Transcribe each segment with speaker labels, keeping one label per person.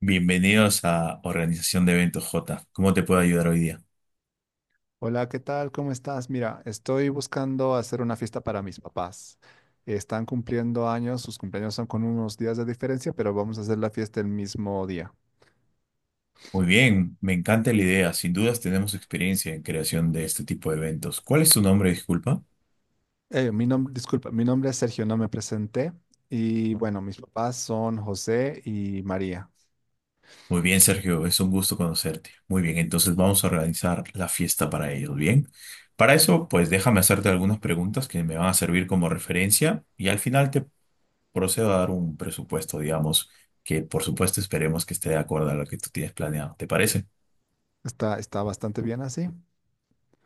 Speaker 1: Bienvenidos a Organización de Eventos J. ¿Cómo te puedo ayudar hoy día?
Speaker 2: Hola, ¿qué tal? ¿Cómo estás? Mira, estoy buscando hacer una fiesta para mis papás. Están cumpliendo años, sus cumpleaños son con unos días de diferencia, pero vamos a hacer la fiesta el mismo día.
Speaker 1: Muy bien, me encanta la idea. Sin dudas tenemos experiencia en creación de este tipo de eventos. ¿Cuál es tu nombre, disculpa?
Speaker 2: Mi nombre es Sergio, no me presenté. Y bueno, mis papás son José y María.
Speaker 1: Muy bien, Sergio, es un gusto conocerte. Muy bien, entonces vamos a organizar la fiesta para ellos, ¿bien? Para eso, pues déjame hacerte algunas preguntas que me van a servir como referencia y al final te procedo a dar un presupuesto, digamos, que por supuesto esperemos que esté de acuerdo a lo que tú tienes planeado. ¿Te parece?
Speaker 2: Está bastante bien así.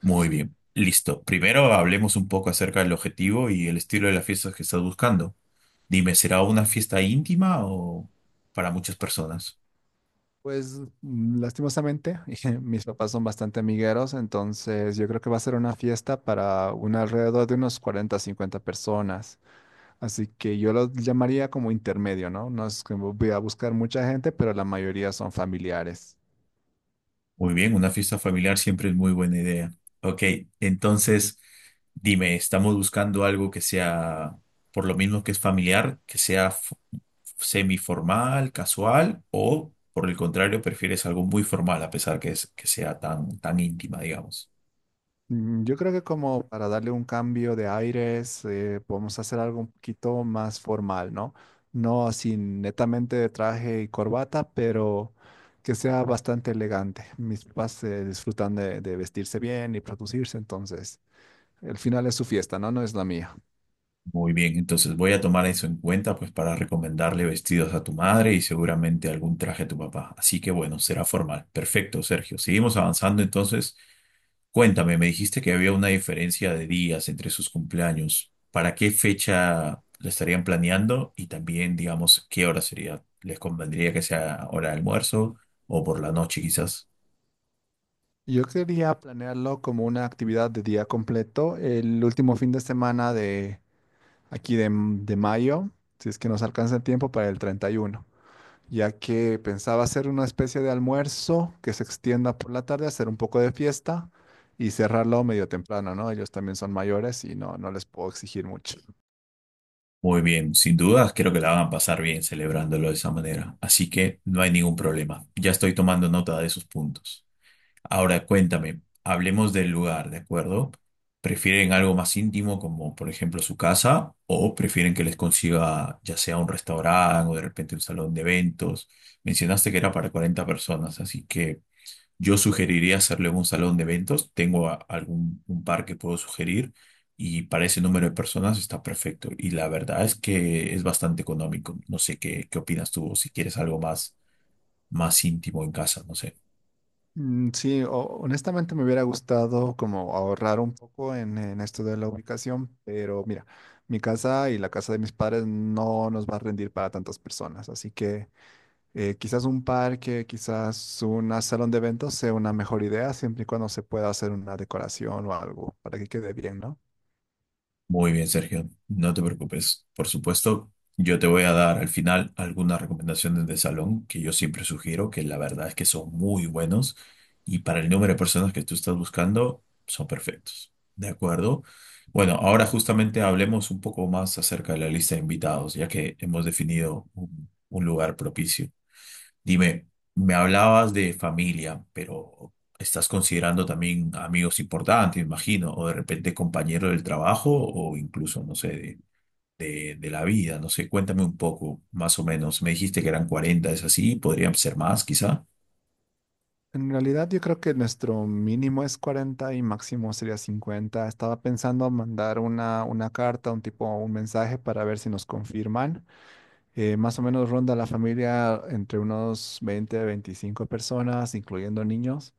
Speaker 1: Muy bien, listo. Primero hablemos un poco acerca del objetivo y el estilo de las fiestas que estás buscando. Dime, ¿será una fiesta íntima o para muchas personas?
Speaker 2: Pues mm, lastimosamente, mis papás son bastante amigueros, entonces yo creo que va a ser una fiesta para un alrededor de unos 40, 50 personas. Así que yo los llamaría como intermedio, ¿no? No es que voy a buscar mucha gente, pero la mayoría son familiares.
Speaker 1: Muy bien, una fiesta familiar siempre es muy buena idea. Ok, entonces dime, ¿estamos buscando algo que sea, por lo mismo que es familiar, que sea semiformal, casual o, por el contrario, prefieres algo muy formal a pesar que, que sea tan íntima, digamos?
Speaker 2: Mm, yo creo que como para darle un cambio de aires, podemos hacer algo un poquito más formal, ¿no? No así netamente de traje y corbata, pero que sea bastante elegante. Mis papás se disfrutan de vestirse bien y producirse, entonces el final es su fiesta, ¿no? No es la mía.
Speaker 1: Muy bien, entonces voy a tomar eso en cuenta pues para recomendarle vestidos a tu madre y seguramente algún traje a tu papá. Así que bueno, será formal. Perfecto, Sergio. Seguimos avanzando entonces. Cuéntame, me dijiste que había una diferencia de días entre sus cumpleaños. ¿Para qué fecha lo estarían planeando? Y también, digamos, ¿qué hora sería? ¿Les convendría que sea hora de almuerzo o por la noche quizás?
Speaker 2: Yo quería planearlo como una actividad de día completo, el último fin de semana de aquí de mayo, si es que nos alcanza el tiempo para el 31, ya que pensaba hacer una especie de almuerzo que se extienda por la tarde, hacer un poco de fiesta y cerrarlo medio temprano, ¿no? Ellos también son mayores y no, no les puedo exigir mucho.
Speaker 1: Muy bien, sin dudas creo que la van a pasar bien celebrándolo de esa manera, así que no hay ningún problema. Ya estoy tomando nota de esos puntos. Ahora cuéntame, hablemos del lugar, ¿de acuerdo? ¿Prefieren algo más íntimo como por ejemplo su casa o prefieren que les consiga ya sea un restaurante o de repente un salón de eventos? Mencionaste que era para 40 personas, así que yo sugeriría hacerle un salón de eventos. Tengo a- algún un par que puedo sugerir y para ese número de personas está perfecto. Y la verdad es que es bastante económico. No sé qué opinas tú o si quieres algo más íntimo en casa, no sé.
Speaker 2: Mm, sí. Honestamente me hubiera gustado como ahorrar un poco en esto de la ubicación, pero mira, mi casa y la casa de mis padres no nos va a rendir para tantas personas, así que quizás un parque, quizás un salón de eventos sea una mejor idea, siempre y cuando se pueda hacer una decoración o algo para que quede bien, ¿no?
Speaker 1: Muy bien, Sergio, no te preocupes. Por supuesto, yo te voy a dar al final algunas recomendaciones de salón que yo siempre sugiero, que la verdad es que son muy buenos y para el número de personas que tú estás buscando, son perfectos. ¿De acuerdo? Bueno, ahora justamente hablemos un poco más acerca de la lista de invitados, ya que hemos definido un lugar propicio. Dime, me hablabas de familia, pero estás considerando también amigos importantes, imagino, o de repente compañero del trabajo, o incluso, no sé, de la vida, no sé, cuéntame un poco, más o menos. Me dijiste que eran 40, ¿es así? ¿Podrían ser más, quizá?
Speaker 2: En realidad yo creo que nuestro mínimo es 40 y máximo sería 50. Estaba pensando mandar una carta, un tipo, un mensaje para ver si nos confirman. Más o menos ronda la familia entre unos 20, 25 personas, incluyendo niños.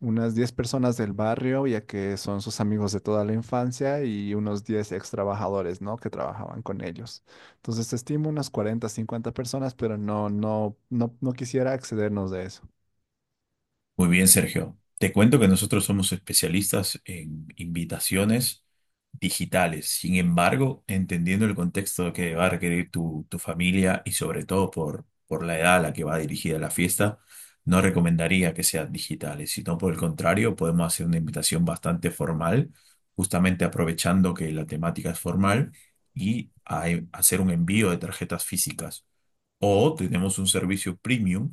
Speaker 2: Unas 10 personas del barrio, ya que son sus amigos de toda la infancia, y unos 10 ex trabajadores, ¿no? Que trabajaban con ellos. Entonces, estimo unas 40 50 personas, pero no quisiera excedernos de eso.
Speaker 1: Muy bien, Sergio. Te cuento que nosotros somos especialistas en invitaciones digitales. Sin embargo, entendiendo el contexto que va a requerir tu familia y sobre todo por la edad a la que va dirigida la fiesta, no recomendaría que sean digitales, sino por el contrario, podemos hacer una invitación bastante formal, justamente aprovechando que la temática es formal y hacer un envío de tarjetas físicas. O tenemos un servicio premium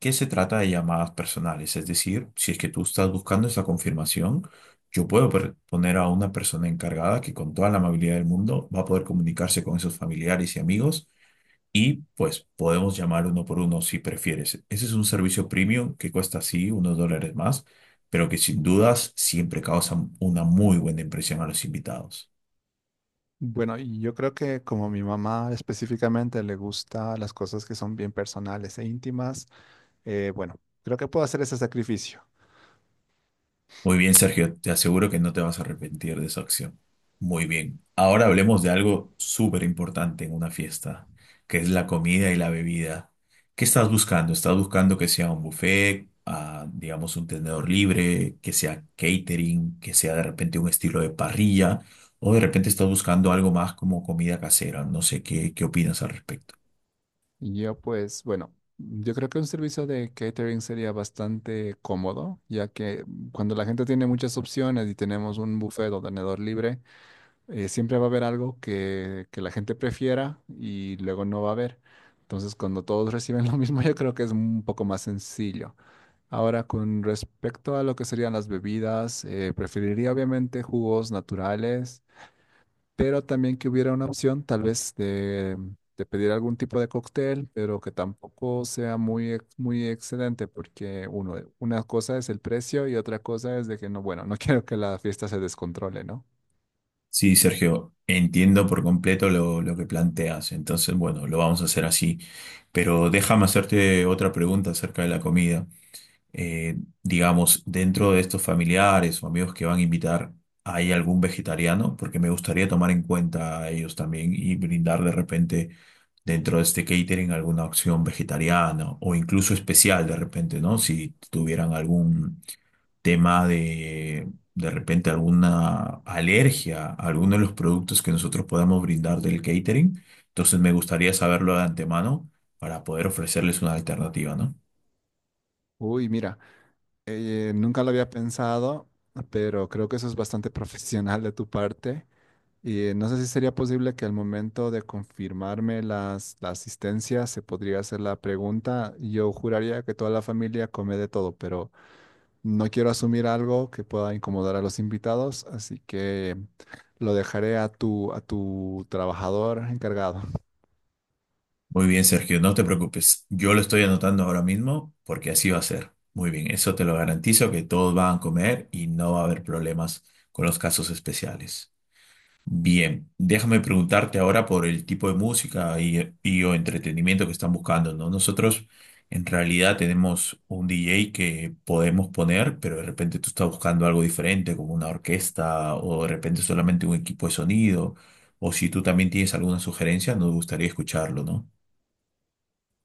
Speaker 1: que se trata de llamadas personales. Es decir, si es que tú estás buscando esa confirmación, yo puedo poner a una persona encargada que con toda la amabilidad del mundo va a poder comunicarse con esos familiares y amigos y pues podemos llamar uno por uno si prefieres. Ese es un servicio premium que cuesta sí unos dólares más, pero que sin dudas siempre causa una muy buena impresión a los invitados.
Speaker 2: Bueno, y yo creo que como mi mamá específicamente le gusta las cosas que son bien personales e íntimas, eh, bueno, creo que puedo hacer ese sacrificio.
Speaker 1: Muy bien, Sergio, te aseguro que no te vas a arrepentir de esa acción. Muy bien. Ahora hablemos de algo súper importante en una fiesta, que es la comida y la bebida. ¿Qué estás buscando? ¿Estás buscando que sea un buffet, ah, digamos un tenedor libre, que sea catering, que sea de repente un estilo de parrilla? ¿O de repente estás buscando algo más como comida casera? No sé, ¿qué opinas al respecto?
Speaker 2: Yo pues, bueno, yo creo que un servicio de catering sería bastante cómodo, ya que cuando la gente tiene muchas opciones y tenemos un buffet o tenedor libre, siempre va a haber algo que la gente prefiera y luego no va a haber. Entonces, cuando todos reciben lo mismo, yo creo que es un poco más sencillo. Ahora, con respecto a lo que serían las bebidas, preferiría obviamente jugos naturales, pero también que hubiera una opción tal vez de pedir algún tipo de cóctel, pero que tampoco sea muy, muy excedente, porque uno, una cosa es el precio y otra cosa es de que no, bueno, no quiero que la fiesta se descontrole, ¿no?
Speaker 1: Sí, Sergio, entiendo por completo lo que planteas. Entonces, bueno, lo vamos a hacer así. Pero déjame hacerte otra pregunta acerca de la comida. Eh, digamos, dentro de estos familiares o amigos que van a invitar, ¿hay algún vegetariano? Porque me gustaría tomar en cuenta a ellos también y brindar de repente dentro de este catering alguna opción vegetariana o incluso especial de repente, ¿no? Si tuvieran algún tema de repente alguna alergia a alguno de los productos que nosotros podamos brindar del catering. Entonces me gustaría saberlo de antemano para poder ofrecerles una alternativa, ¿no?
Speaker 2: Uy, mira, nunca lo había pensado, pero creo que eso es bastante profesional de tu parte. Y no sé si sería posible que al momento de confirmarme la asistencia se podría hacer la pregunta. Yo juraría que toda la familia come de todo, pero no quiero asumir algo que pueda incomodar a los invitados, así que lo dejaré a tu trabajador encargado.
Speaker 1: Muy bien, Sergio, no te preocupes. Yo lo estoy anotando ahora mismo porque así va a ser. Muy bien, eso te lo garantizo que todos van a comer y no va a haber problemas con los casos especiales. Bien, déjame preguntarte ahora por el tipo de música y o entretenimiento que están buscando, ¿no? Nosotros en realidad tenemos un DJ que podemos poner, pero de repente tú estás buscando algo diferente, como una orquesta o de repente solamente un equipo de sonido, o si tú también tienes alguna sugerencia, nos gustaría escucharlo, ¿no?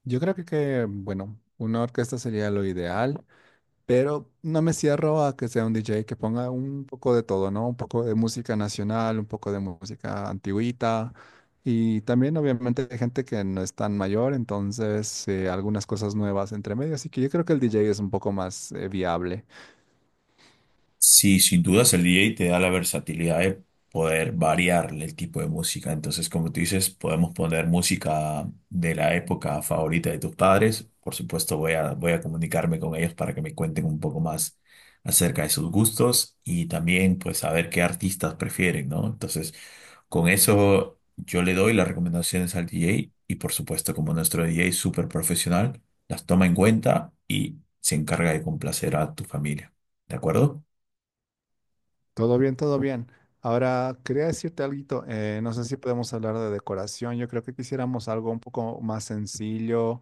Speaker 2: Yo creo que una orquesta sería lo ideal. Pero no me cierro a que sea un DJ que ponga un poco de todo, ¿no? Un poco de música nacional, un poco de música antigüita. Y también, obviamente, hay gente que no es tan mayor, entonces algunas cosas nuevas entre medio. Así que yo creo que el DJ es un poco más viable.
Speaker 1: Sí, sin dudas el DJ te da la versatilidad de poder variarle el tipo de música. Entonces, como tú dices, podemos poner música de la época favorita de tus padres. Por supuesto, voy a comunicarme con ellos para que me cuenten un poco más acerca de sus gustos y también pues saber qué artistas prefieren, ¿no? Entonces, con eso yo le doy las recomendaciones al DJ y por supuesto, como nuestro DJ es súper profesional, las toma en cuenta y se encarga de complacer a tu familia. ¿De acuerdo?
Speaker 2: Todo bien, todo bien. Ahora, quería decirte algo. No sé si podemos hablar de decoración. Yo creo que quisiéramos algo un poco más sencillo,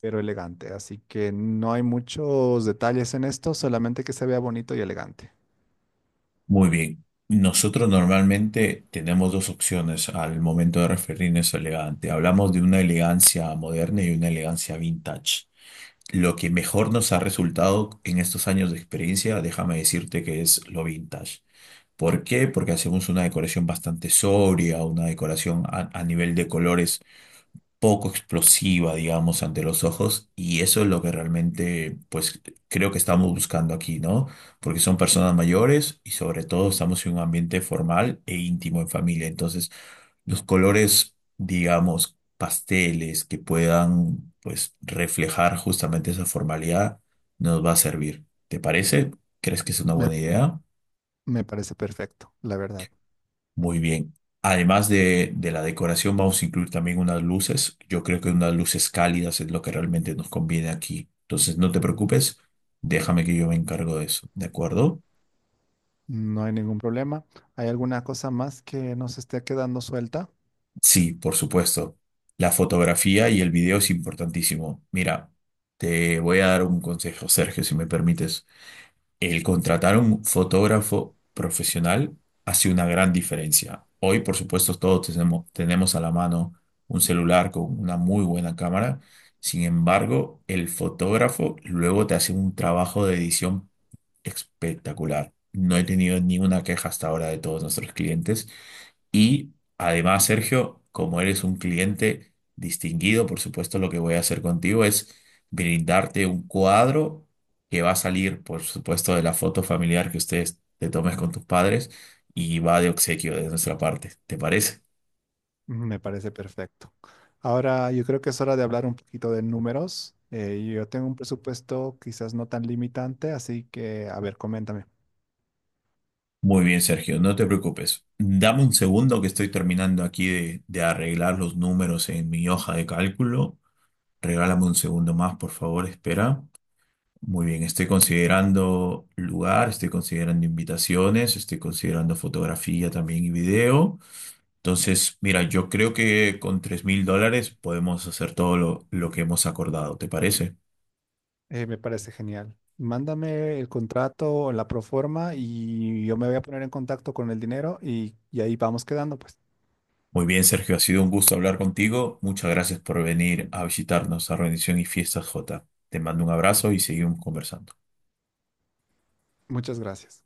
Speaker 2: pero elegante. Así que no hay muchos detalles en esto, solamente que se vea bonito y elegante.
Speaker 1: Muy bien. Nosotros normalmente tenemos dos opciones al momento de referirnos a elegante. Hablamos de una elegancia moderna y una elegancia vintage. Lo que mejor nos ha resultado en estos años de experiencia, déjame decirte que es lo vintage. ¿Por qué? Porque hacemos una decoración bastante sobria, una decoración a nivel de colores poco explosiva, digamos, ante los ojos, y eso es lo que realmente, pues, creo que estamos buscando aquí, ¿no? Porque son personas mayores y sobre todo estamos en un ambiente formal e íntimo en familia. Entonces, los colores, digamos, pasteles que puedan, pues, reflejar justamente esa formalidad nos va a servir. ¿Te parece? ¿Crees que es una
Speaker 2: Me
Speaker 1: buena idea?
Speaker 2: Me parece perfecto, la verdad.
Speaker 1: Muy bien. Además de la decoración, vamos a incluir también unas luces. Yo creo que unas luces cálidas es lo que realmente nos conviene aquí. Entonces, no te preocupes, déjame que yo me encargo de eso, ¿de acuerdo?
Speaker 2: No hay ningún problema. ¿Hay alguna cosa más que nos esté quedando suelta?
Speaker 1: Sí, por supuesto. La fotografía y el video es importantísimo. Mira, te voy a dar un consejo, Sergio, si me permites. El contratar a un fotógrafo profesional hace una gran diferencia. Hoy, por supuesto, todos tenemos a la mano un celular con una muy buena cámara. Sin embargo, el fotógrafo luego te hace un trabajo de edición espectacular. No he tenido ninguna queja hasta ahora de todos nuestros clientes y además, Sergio, como eres un cliente distinguido, por supuesto, lo que voy a hacer contigo es brindarte un cuadro que va a salir, por supuesto, de la foto familiar que ustedes te tomes con tus padres y va de obsequio de nuestra parte. ¿Te parece?
Speaker 2: Me parece perfecto. Ahora yo creo que es hora de hablar un poquito de números. Yo tengo un presupuesto quizás no tan limitante, así que, a ver, coméntame.
Speaker 1: Muy bien, Sergio, no te preocupes. Dame un segundo que estoy terminando aquí de arreglar los números en mi hoja de cálculo. Regálame un segundo más, por favor, espera. Muy bien, estoy considerando lugar, estoy considerando invitaciones, estoy considerando fotografía también y video. Entonces, mira, yo creo que con 3.000 dólares podemos hacer todo lo que hemos acordado, ¿te parece?
Speaker 2: Me parece genial. Mándame el contrato o la proforma y yo me voy a poner en contacto con el dinero y ahí vamos quedando, pues.
Speaker 1: Muy bien, Sergio, ha sido un gusto hablar contigo. Muchas gracias por venir a visitarnos a Rendición y Fiestas J. Te mando un abrazo y seguimos conversando.
Speaker 2: Muchas gracias.